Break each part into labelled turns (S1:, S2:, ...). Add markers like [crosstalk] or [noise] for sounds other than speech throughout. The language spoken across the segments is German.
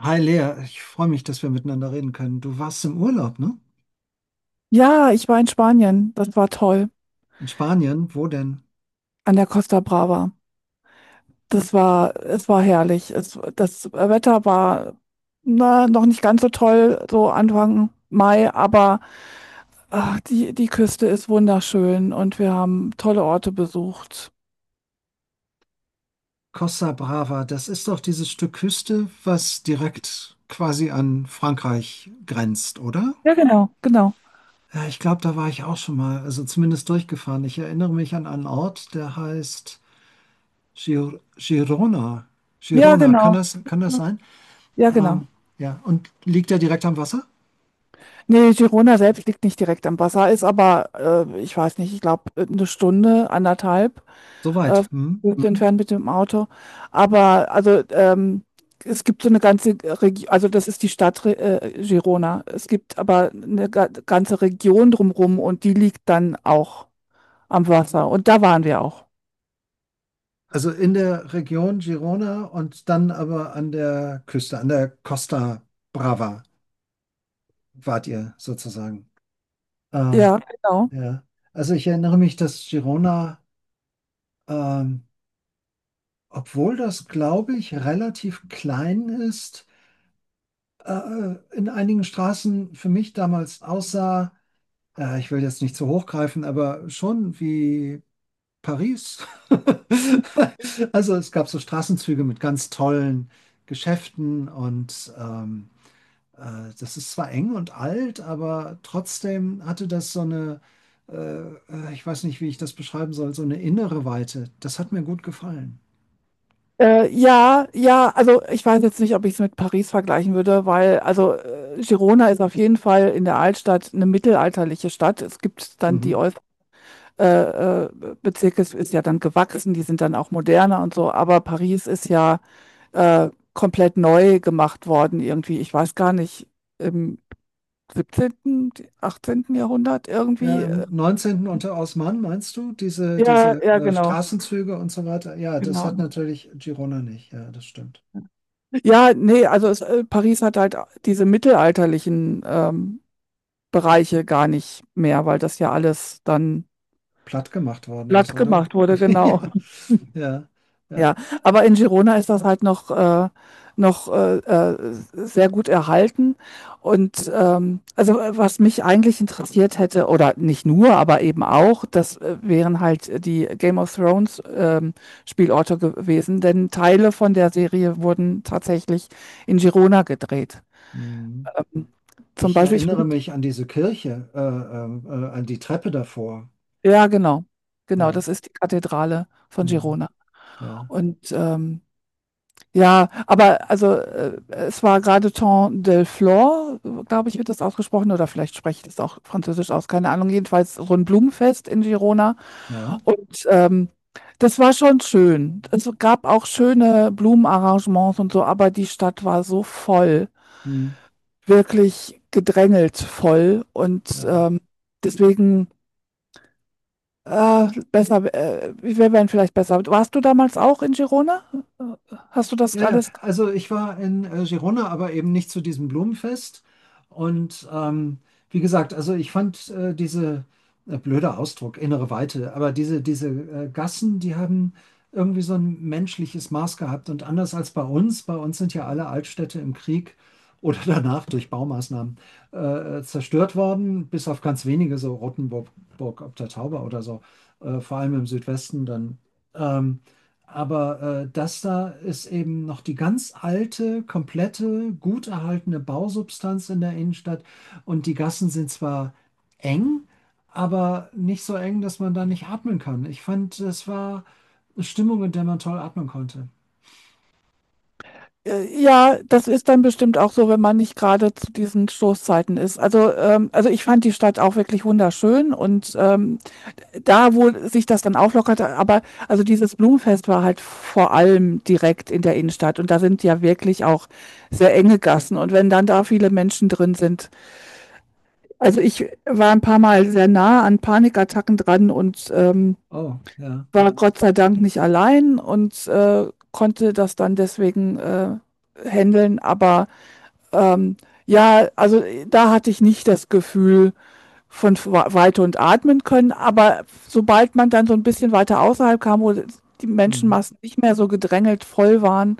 S1: Hi Lea, ich freue mich, dass wir miteinander reden können. Du warst im Urlaub, ne?
S2: Ja, ich war in Spanien. Das war toll.
S1: In Spanien, wo denn?
S2: An der Costa Brava. Es war herrlich. Das Wetter war, na, noch nicht ganz so toll, so Anfang Mai, aber ach, die Küste ist wunderschön und wir haben tolle Orte besucht.
S1: Costa Brava, das ist doch dieses Stück Küste, was direkt quasi an Frankreich grenzt, oder?
S2: Ja, genau, genau.
S1: Ja, ich glaube, da war ich auch schon mal, also zumindest durchgefahren. Ich erinnere mich an einen Ort, der heißt Girona.
S2: Ja,
S1: Girona, kann
S2: genau.
S1: das, kann das sein?
S2: Ja,
S1: Ähm,
S2: genau.
S1: ja, und liegt der direkt am Wasser?
S2: Nee, Girona selbst liegt nicht direkt am Wasser, ist aber, ich weiß nicht, ich glaube, eine Stunde, anderthalb äh,
S1: Soweit. Hm?
S2: gut, mhm, entfernt mit dem Auto. Aber also es gibt so eine ganze Region, also das ist die Stadt Girona. Es gibt aber eine ga ganze Region drumherum und die liegt dann auch am Wasser. Und da waren wir auch.
S1: Also in der Region Girona und dann aber an der Küste, an der Costa Brava wart ihr sozusagen. Ähm,
S2: Ja, genau.
S1: ja. Also ich erinnere mich, dass Girona, ähm, obwohl das, glaube ich, relativ klein ist, in einigen Straßen für mich damals aussah, ich will jetzt nicht zu hoch greifen, aber schon wie Paris. [laughs] Also es gab so Straßenzüge mit ganz tollen Geschäften und das ist zwar eng und alt, aber trotzdem hatte das so eine, äh, ich weiß nicht, wie ich das beschreiben soll, so eine innere Weite. Das hat mir gut gefallen.
S2: Ja, ja, also ich weiß jetzt nicht, ob ich es mit Paris vergleichen würde, weil also Girona ist auf jeden Fall in der Altstadt eine mittelalterliche Stadt. Es gibt dann die
S1: Mhm.
S2: Ost äh, äh, Bezirke, es ist ja dann gewachsen, die sind dann auch moderner und so, aber Paris ist ja komplett neu gemacht worden irgendwie. Ich weiß gar nicht, im 17., 18. Jahrhundert
S1: Ja,
S2: irgendwie.
S1: im 19. unter Osman, meinst du, diese,
S2: Ja,
S1: diese
S2: ja,
S1: äh,
S2: genau,
S1: Straßenzüge und so weiter? Ja, das hat
S2: genau.
S1: natürlich Girona nicht. Ja, das stimmt.
S2: Ja, nee, also Paris hat halt diese mittelalterlichen Bereiche gar nicht mehr, weil das ja alles dann
S1: Platt gemacht worden ist,
S2: glatt
S1: oder?
S2: gemacht wurde,
S1: [laughs] Ja,
S2: genau.
S1: ja, ja.
S2: Ja, aber in Girona ist das halt noch sehr gut erhalten. Und also was mich eigentlich interessiert hätte, oder nicht nur, aber eben auch, das wären halt die Game of Thrones Spielorte gewesen, denn Teile von der Serie wurden tatsächlich in Girona gedreht.
S1: Mhm.
S2: Ähm, Zum
S1: Ich
S2: Beispiel,
S1: erinnere mich an diese Kirche, an die Treppe davor.
S2: ja, genau, genau,
S1: Ja,
S2: das ist die Kathedrale von
S1: mhm.
S2: Girona.
S1: Ja,
S2: Und ja, aber also es war gerade Temps del Delflor, glaube ich, wird das ausgesprochen, oder vielleicht spreche ich das auch französisch aus, keine Ahnung. Jedenfalls so ein Blumenfest in Girona.
S1: ja,
S2: Und das war schon schön. Es gab auch schöne Blumenarrangements und so, aber die Stadt war so voll,
S1: mhm.
S2: wirklich gedrängelt voll. Und
S1: Ja.
S2: deswegen wir wären vielleicht besser. Warst du damals auch in Girona? Hast du das
S1: Ja, ja,
S2: alles
S1: also ich war in Girona, aber eben nicht zu diesem Blumenfest. Und wie gesagt, also ich fand diese, blöder Ausdruck, innere Weite, aber diese Gassen, die haben irgendwie so ein menschliches Maß gehabt. Und anders als bei uns sind ja alle Altstädte im Krieg oder [laughs] danach durch Baumaßnahmen zerstört worden, bis auf ganz wenige, so Rottenburg Burg ob der Tauber oder so, vor allem im Südwesten dann. Ähm, aber das da ist eben noch die ganz alte, komplette, gut erhaltene Bausubstanz in der Innenstadt. Und die Gassen sind zwar eng, aber nicht so eng, dass man da nicht atmen kann. Ich fand, es war eine Stimmung, in der man toll atmen konnte.
S2: Ja, das ist dann bestimmt auch so, wenn man nicht gerade zu diesen Stoßzeiten ist. Also ich fand die Stadt auch wirklich wunderschön und da, wo sich das dann auflockerte, aber also dieses Blumenfest war halt vor allem direkt in der Innenstadt und da sind ja wirklich auch sehr enge Gassen und wenn dann da viele Menschen drin sind, also ich war ein paar Mal sehr nah an Panikattacken dran und
S1: Oh, ja.
S2: war Gott sei Dank nicht allein und konnte das dann deswegen handeln, aber ähm, ja, also da hatte ich nicht das Gefühl von Weite und atmen können, aber sobald man dann so ein bisschen weiter außerhalb kam, wo die
S1: Hm.
S2: Menschenmassen nicht mehr so gedrängelt voll waren,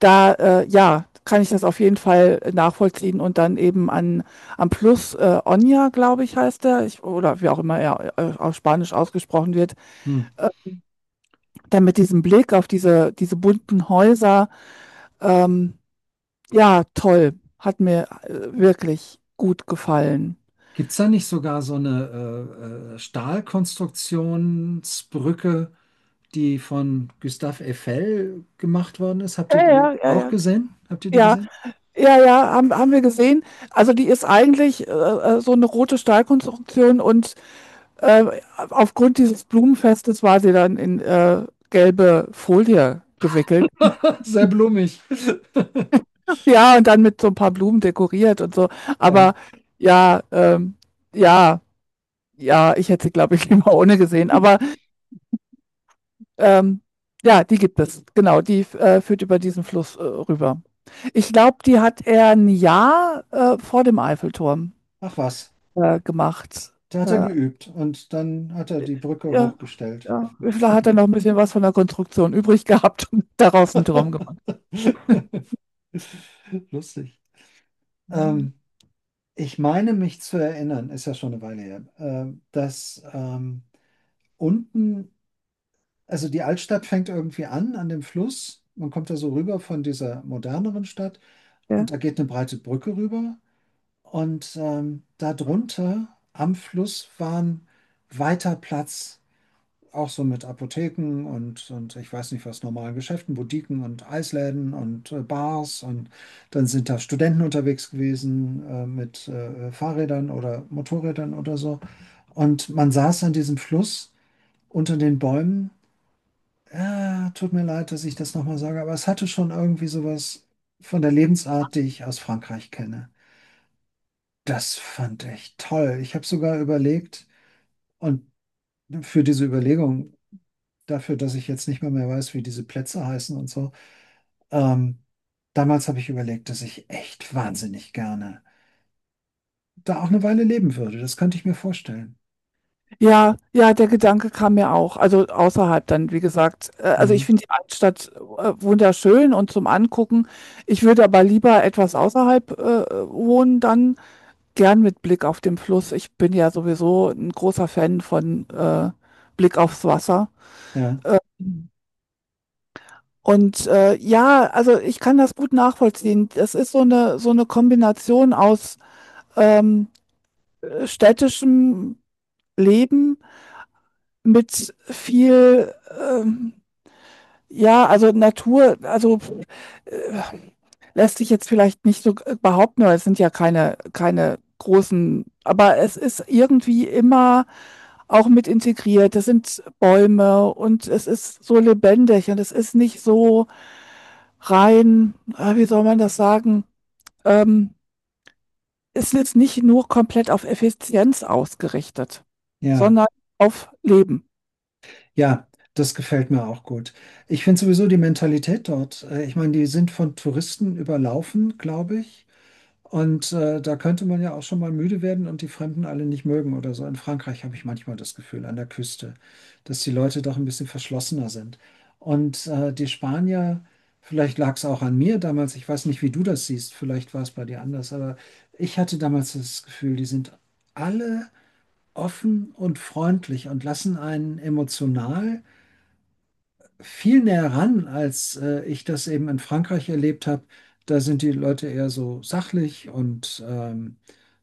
S2: da, ja, kann ich das auf jeden Fall nachvollziehen und dann eben an am Oña, glaube ich, heißt der, ich oder wie auch immer er, auf Spanisch ausgesprochen wird,
S1: Hm.
S2: äh, dann mit diesem Blick auf diese bunten Häuser, ähm ja, toll. Hat mir wirklich gut gefallen.
S1: Gibt es da nicht sogar so eine Stahlkonstruktionsbrücke, die von Gustave Eiffel gemacht worden ist? Habt
S2: Ja,
S1: ihr die
S2: ja, ja,
S1: auch
S2: ja.
S1: gesehen? Habt ihr die
S2: Ja,
S1: gesehen?
S2: ja, ja, haben wir gesehen. Also, die ist eigentlich, so eine rote Stahlkonstruktion und, äh, aufgrund dieses Blumenfestes war sie dann in, gelbe Folie gewickelt.
S1: [laughs] Sehr blumig. [laughs]
S2: Ja, und dann mit so ein paar Blumen dekoriert und so.
S1: Ja,
S2: Aber ja, ja, ja, ich hätte sie, glaube ich, [laughs] lieber ohne gesehen. Aber, ähm, ja, die gibt es. Genau, die führt über diesen Fluss, rüber. Ich glaube, die hat er ein Jahr vor dem Eiffelturm
S1: ach was.
S2: gemacht.
S1: Da hat er
S2: Äh,
S1: geübt und dann hat er die Brücke
S2: ja,
S1: hochgestellt.
S2: ja. Da hat er noch ein bisschen was von der Konstruktion übrig gehabt und [laughs] daraus einen Turm gemacht.
S1: [laughs] Lustig.
S2: Mhm.
S1: Ähm, ich meine mich zu erinnern, ist ja schon eine Weile her, dass unten, also die Altstadt fängt irgendwie an, an dem Fluss. Man kommt da so rüber von dieser moderneren Stadt und
S2: Ja,
S1: da geht eine breite Brücke rüber. Und darunter am Fluss war ein weiter Platz. Auch so mit Apotheken und ich weiß nicht was, normalen Geschäften, Boutiquen und Eisläden und Bars. Und dann sind da Studenten unterwegs gewesen mit Fahrrädern oder Motorrädern oder so. Und man saß an diesem Fluss unter den Bäumen. Ja, tut mir leid, dass ich das nochmal sage, aber es hatte schon irgendwie sowas von der Lebensart, die ich aus Frankreich kenne. Das fand ich toll. Ich habe sogar überlegt, und für diese Überlegung dafür, dass ich jetzt nicht mehr weiß, wie diese Plätze heißen und so. Ähm, damals habe ich überlegt, dass ich echt wahnsinnig gerne da auch eine Weile leben würde. Das könnte ich mir vorstellen.
S2: ja, ja, der Gedanke kam mir auch. Also außerhalb dann, wie gesagt. Also ich
S1: Mhm.
S2: finde die Altstadt wunderschön und zum Angucken. Ich würde aber lieber etwas außerhalb wohnen, dann gern mit Blick auf den Fluss. Ich bin ja sowieso ein großer Fan von Blick aufs Wasser.
S1: Ja,
S2: Und ja, also ich kann das gut nachvollziehen. Das ist so eine Kombination aus ähm, städtischem Leben mit viel, ähm, ja, also Natur, also äh, lässt sich jetzt vielleicht nicht so behaupten, weil es sind ja keine großen, aber es ist irgendwie immer auch mit integriert. Das sind Bäume und es ist so lebendig und es ist nicht so rein, wie soll man das sagen, ähm, es ist nicht nur komplett auf Effizienz ausgerichtet,
S1: ja,
S2: sondern auf Leben.
S1: ja, das gefällt mir auch gut. Ich finde sowieso die Mentalität dort, ich meine, die sind von Touristen überlaufen, glaube ich. Und da könnte man ja auch schon mal müde werden und die Fremden alle nicht mögen oder so. In Frankreich habe ich manchmal das Gefühl, an der Küste, dass die Leute doch ein bisschen verschlossener sind. Und die Spanier, vielleicht lag es auch an mir damals, ich weiß nicht, wie du das siehst, vielleicht war es bei dir anders, aber ich hatte damals das Gefühl, die sind alle offen und freundlich und lassen einen emotional viel näher ran, als ich das eben in Frankreich erlebt habe. Da sind die Leute eher so sachlich und ähm,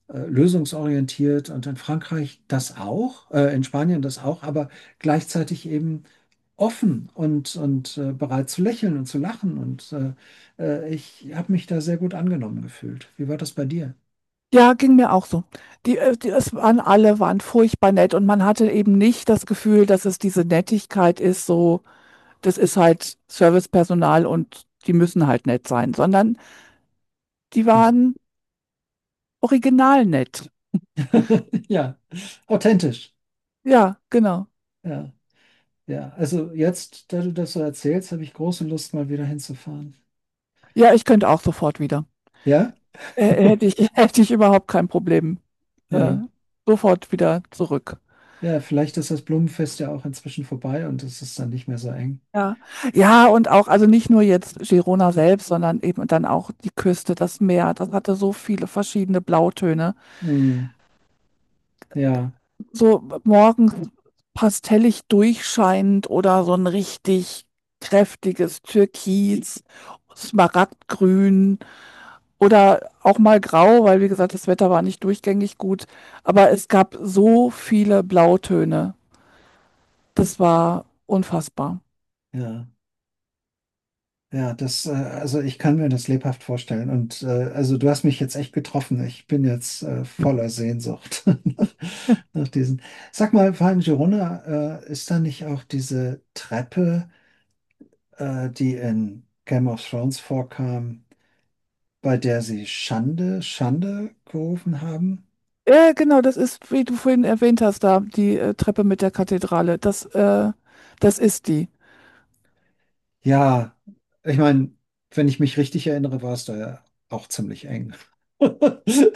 S1: äh, lösungsorientiert und in Frankreich das auch, in Spanien das auch, aber gleichzeitig eben offen und bereit zu lächeln und zu lachen. Und ich habe mich da sehr gut angenommen gefühlt. Wie war das bei dir?
S2: Ja, ging mir auch so. Es waren alle, waren furchtbar nett und man hatte eben nicht das Gefühl, dass es diese Nettigkeit ist, so das ist halt Servicepersonal und die müssen halt nett sein, sondern die
S1: Hm.
S2: waren original nett.
S1: [laughs] Ja, authentisch.
S2: Ja, genau.
S1: Ja, ja. Also jetzt, da du das so erzählst, habe ich große Lust, mal wieder hinzufahren.
S2: Ja, ich könnte auch sofort wieder.
S1: Ja? [laughs]
S2: [laughs] Hätte ich überhaupt kein Problem. Äh,
S1: Ja.
S2: Sofort wieder zurück.
S1: Ja, vielleicht ist das Blumenfest ja auch inzwischen vorbei und es ist dann nicht mehr so eng.
S2: Ja, ja, und auch, also nicht nur jetzt Girona selbst, sondern eben dann auch die Küste, das Meer, das hatte so viele verschiedene Blautöne.
S1: Hm. Ja,
S2: So morgens pastellig durchscheinend oder so ein richtig kräftiges Türkis, Smaragdgrün oder auch mal grau, weil wie gesagt, das Wetter war nicht durchgängig gut. Aber es gab so viele Blautöne. Das war unfassbar.
S1: ja. Ja, das, also ich kann mir das lebhaft vorstellen. Und also du hast mich jetzt echt getroffen. Ich bin jetzt voller Sehnsucht [laughs] nach,
S2: [laughs]
S1: nach diesen. Sag mal, Van Girona, ist da nicht auch diese Treppe, die in Game of Thrones vorkam, bei der sie Schande, Schande gerufen haben?
S2: Ja, genau, das ist, wie du vorhin erwähnt hast, da die Treppe mit der Kathedrale. Das ist die.
S1: Ja, ich meine, wenn ich mich richtig erinnere, war es da ja auch ziemlich eng. [laughs]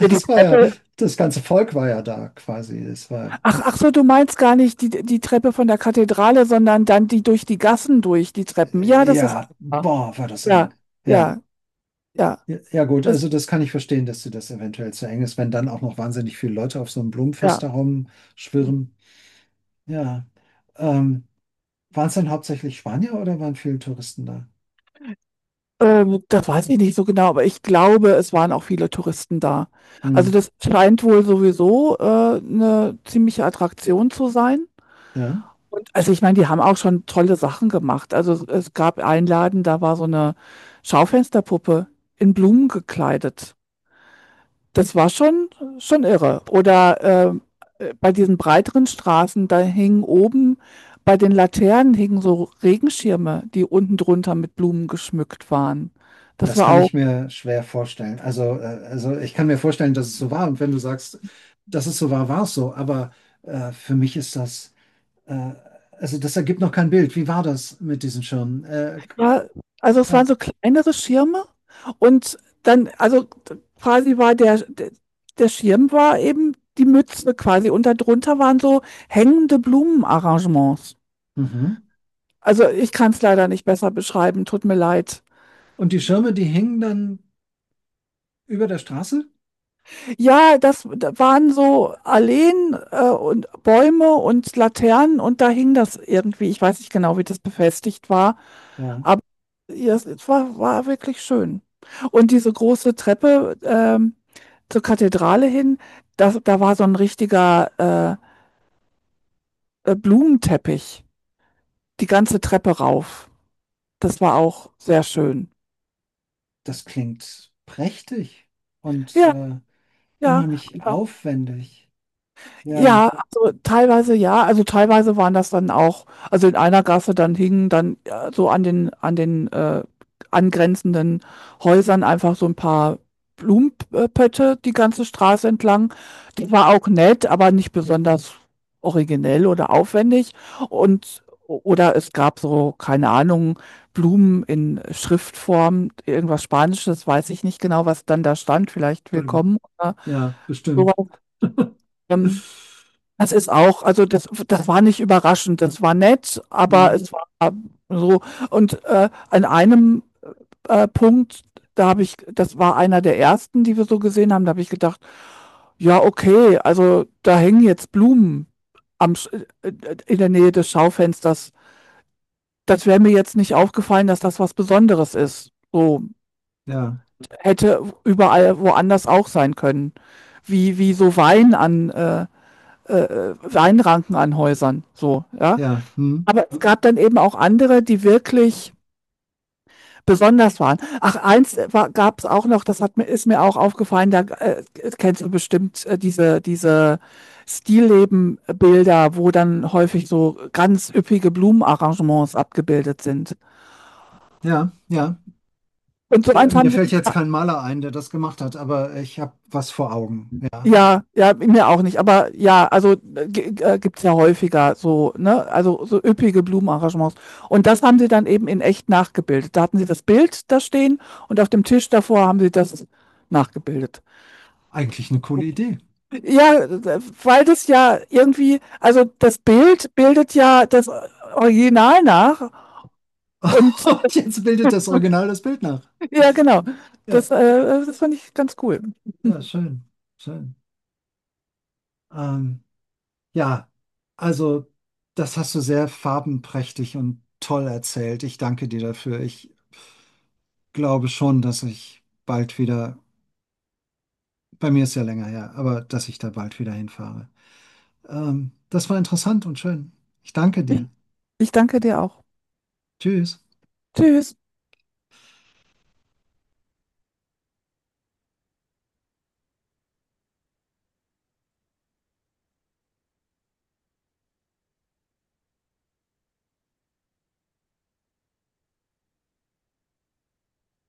S2: Ja, die
S1: war ja,
S2: Treppe
S1: das ganze Volk war ja da quasi. Das war.
S2: Ach, ach so, du meinst gar nicht die Treppe von der Kathedrale, sondern dann die durch die Gassen durch, die Treppen. Ja, das ist
S1: Ja,
S2: einfacher.
S1: boah, war das eng.
S2: Ja,
S1: Ja.
S2: ja, ja.
S1: Ja, ja gut,
S2: Das,
S1: also das kann ich verstehen, dass dir das eventuell zu eng ist, wenn dann auch noch wahnsinnig viele Leute auf so einem
S2: ja.
S1: Blumenfest da rumschwirren. Ja. Ähm, waren es dann hauptsächlich Spanier oder waren viele Touristen da?
S2: Das weiß ich nicht so genau, aber ich glaube, es waren auch viele Touristen da. Also
S1: Hm,
S2: das scheint wohl sowieso eine ziemliche Attraktion zu sein.
S1: ja,
S2: Und also ich meine, die haben auch schon tolle Sachen gemacht. Also es gab einen Laden, da war so eine Schaufensterpuppe in Blumen gekleidet. Das war schon irre. Oder, bei diesen breiteren Straßen, da hingen oben bei den Laternen hingen so Regenschirme, die unten drunter mit Blumen geschmückt waren. Das
S1: das
S2: war
S1: kann
S2: auch
S1: ich mir schwer vorstellen. Also ich kann mir vorstellen, dass es so war. Und wenn du sagst, dass es so war, war es so. Aber für mich ist das, äh, also das ergibt noch kein Bild. Wie war das mit diesen Schirmen? Äh,
S2: ja, also es waren
S1: ja.
S2: so kleinere Schirme und dann also quasi war der Schirm war eben die Mütze quasi und da drunter waren so hängende Blumenarrangements.
S1: Mhm.
S2: Also, ich kann es leider nicht besser beschreiben, tut mir leid.
S1: Und die Schirme, die hingen dann über der Straße?
S2: Ja, das da waren so Alleen und Bäume und Laternen und da hing das irgendwie. Ich weiß nicht genau, wie das befestigt war,
S1: Ja,
S2: aber ja, es war wirklich schön. Und diese große Treppe zur Kathedrale hin, da war so ein richtiger Blumenteppich, die ganze Treppe rauf. Das war auch sehr schön.
S1: das klingt prächtig und
S2: Ja, ja.
S1: unheimlich aufwendig. Ja,
S2: Ja, also teilweise waren das dann auch, also in einer Gasse dann hingen dann, so an den angrenzenden Häusern einfach so ein paar Blumen die ganze Straße entlang. Die war auch nett, aber nicht besonders originell oder aufwendig und oder es gab so, keine Ahnung, Blumen in Schriftform, irgendwas Spanisches, weiß ich nicht genau, was dann da stand, vielleicht
S1: Entschuldigung.
S2: willkommen oder
S1: Ja,
S2: so.
S1: bestimmt.
S2: ähm Das ist auch, also das war nicht überraschend, das war nett, aber
S1: Hm,
S2: es war so. Und an einem Punkt, da habe ich, das war einer der ersten, die wir so gesehen haben, da habe ich gedacht, ja, okay, also da hängen jetzt Blumen am, Sch- äh, in der Nähe des Schaufensters. Das wäre mir jetzt nicht aufgefallen, dass das was Besonderes ist. So
S1: ja,
S2: hätte überall woanders auch sein können. Wie so Weinranken an Häusern. So, ja.
S1: ja, hm,
S2: Aber es gab dann eben auch andere, die wirklich besonders waren. Ach, eins gab es auch noch, ist mir auch aufgefallen, da kennst du bestimmt diese Stilleben-Bilder, wo dann häufig so ganz üppige Blumenarrangements abgebildet sind.
S1: ja, ja.
S2: Und so
S1: Äh,
S2: eins
S1: mir
S2: haben sie
S1: fällt jetzt kein Maler ein, der das gemacht hat, aber ich habe was vor Augen. Ja,
S2: ja, ja, mir auch nicht. Aber ja, also gibt's ja häufiger so, ne? Also so üppige Blumenarrangements. Und das haben sie dann eben in echt nachgebildet. Da hatten sie das Bild da stehen und auf dem Tisch davor haben sie das nachgebildet.
S1: eigentlich eine coole Idee.
S2: Ja, weil das ja irgendwie, also das Bild bildet ja das Original nach.
S1: [laughs]
S2: Und
S1: Und jetzt bildet das Original das Bild nach.
S2: ja, genau.
S1: Ja,
S2: Das fand ich ganz cool.
S1: ja, schön, schön. Ähm, Ja, also das hast du sehr farbenprächtig und toll erzählt. Ich danke dir dafür. Ich glaube schon, dass ich bald wieder, bei mir ist ja länger her, aber dass ich da bald wieder hinfahre. Das war interessant und schön. Ich danke dir.
S2: Ich danke dir auch.
S1: Tschüss.
S2: Tschüss.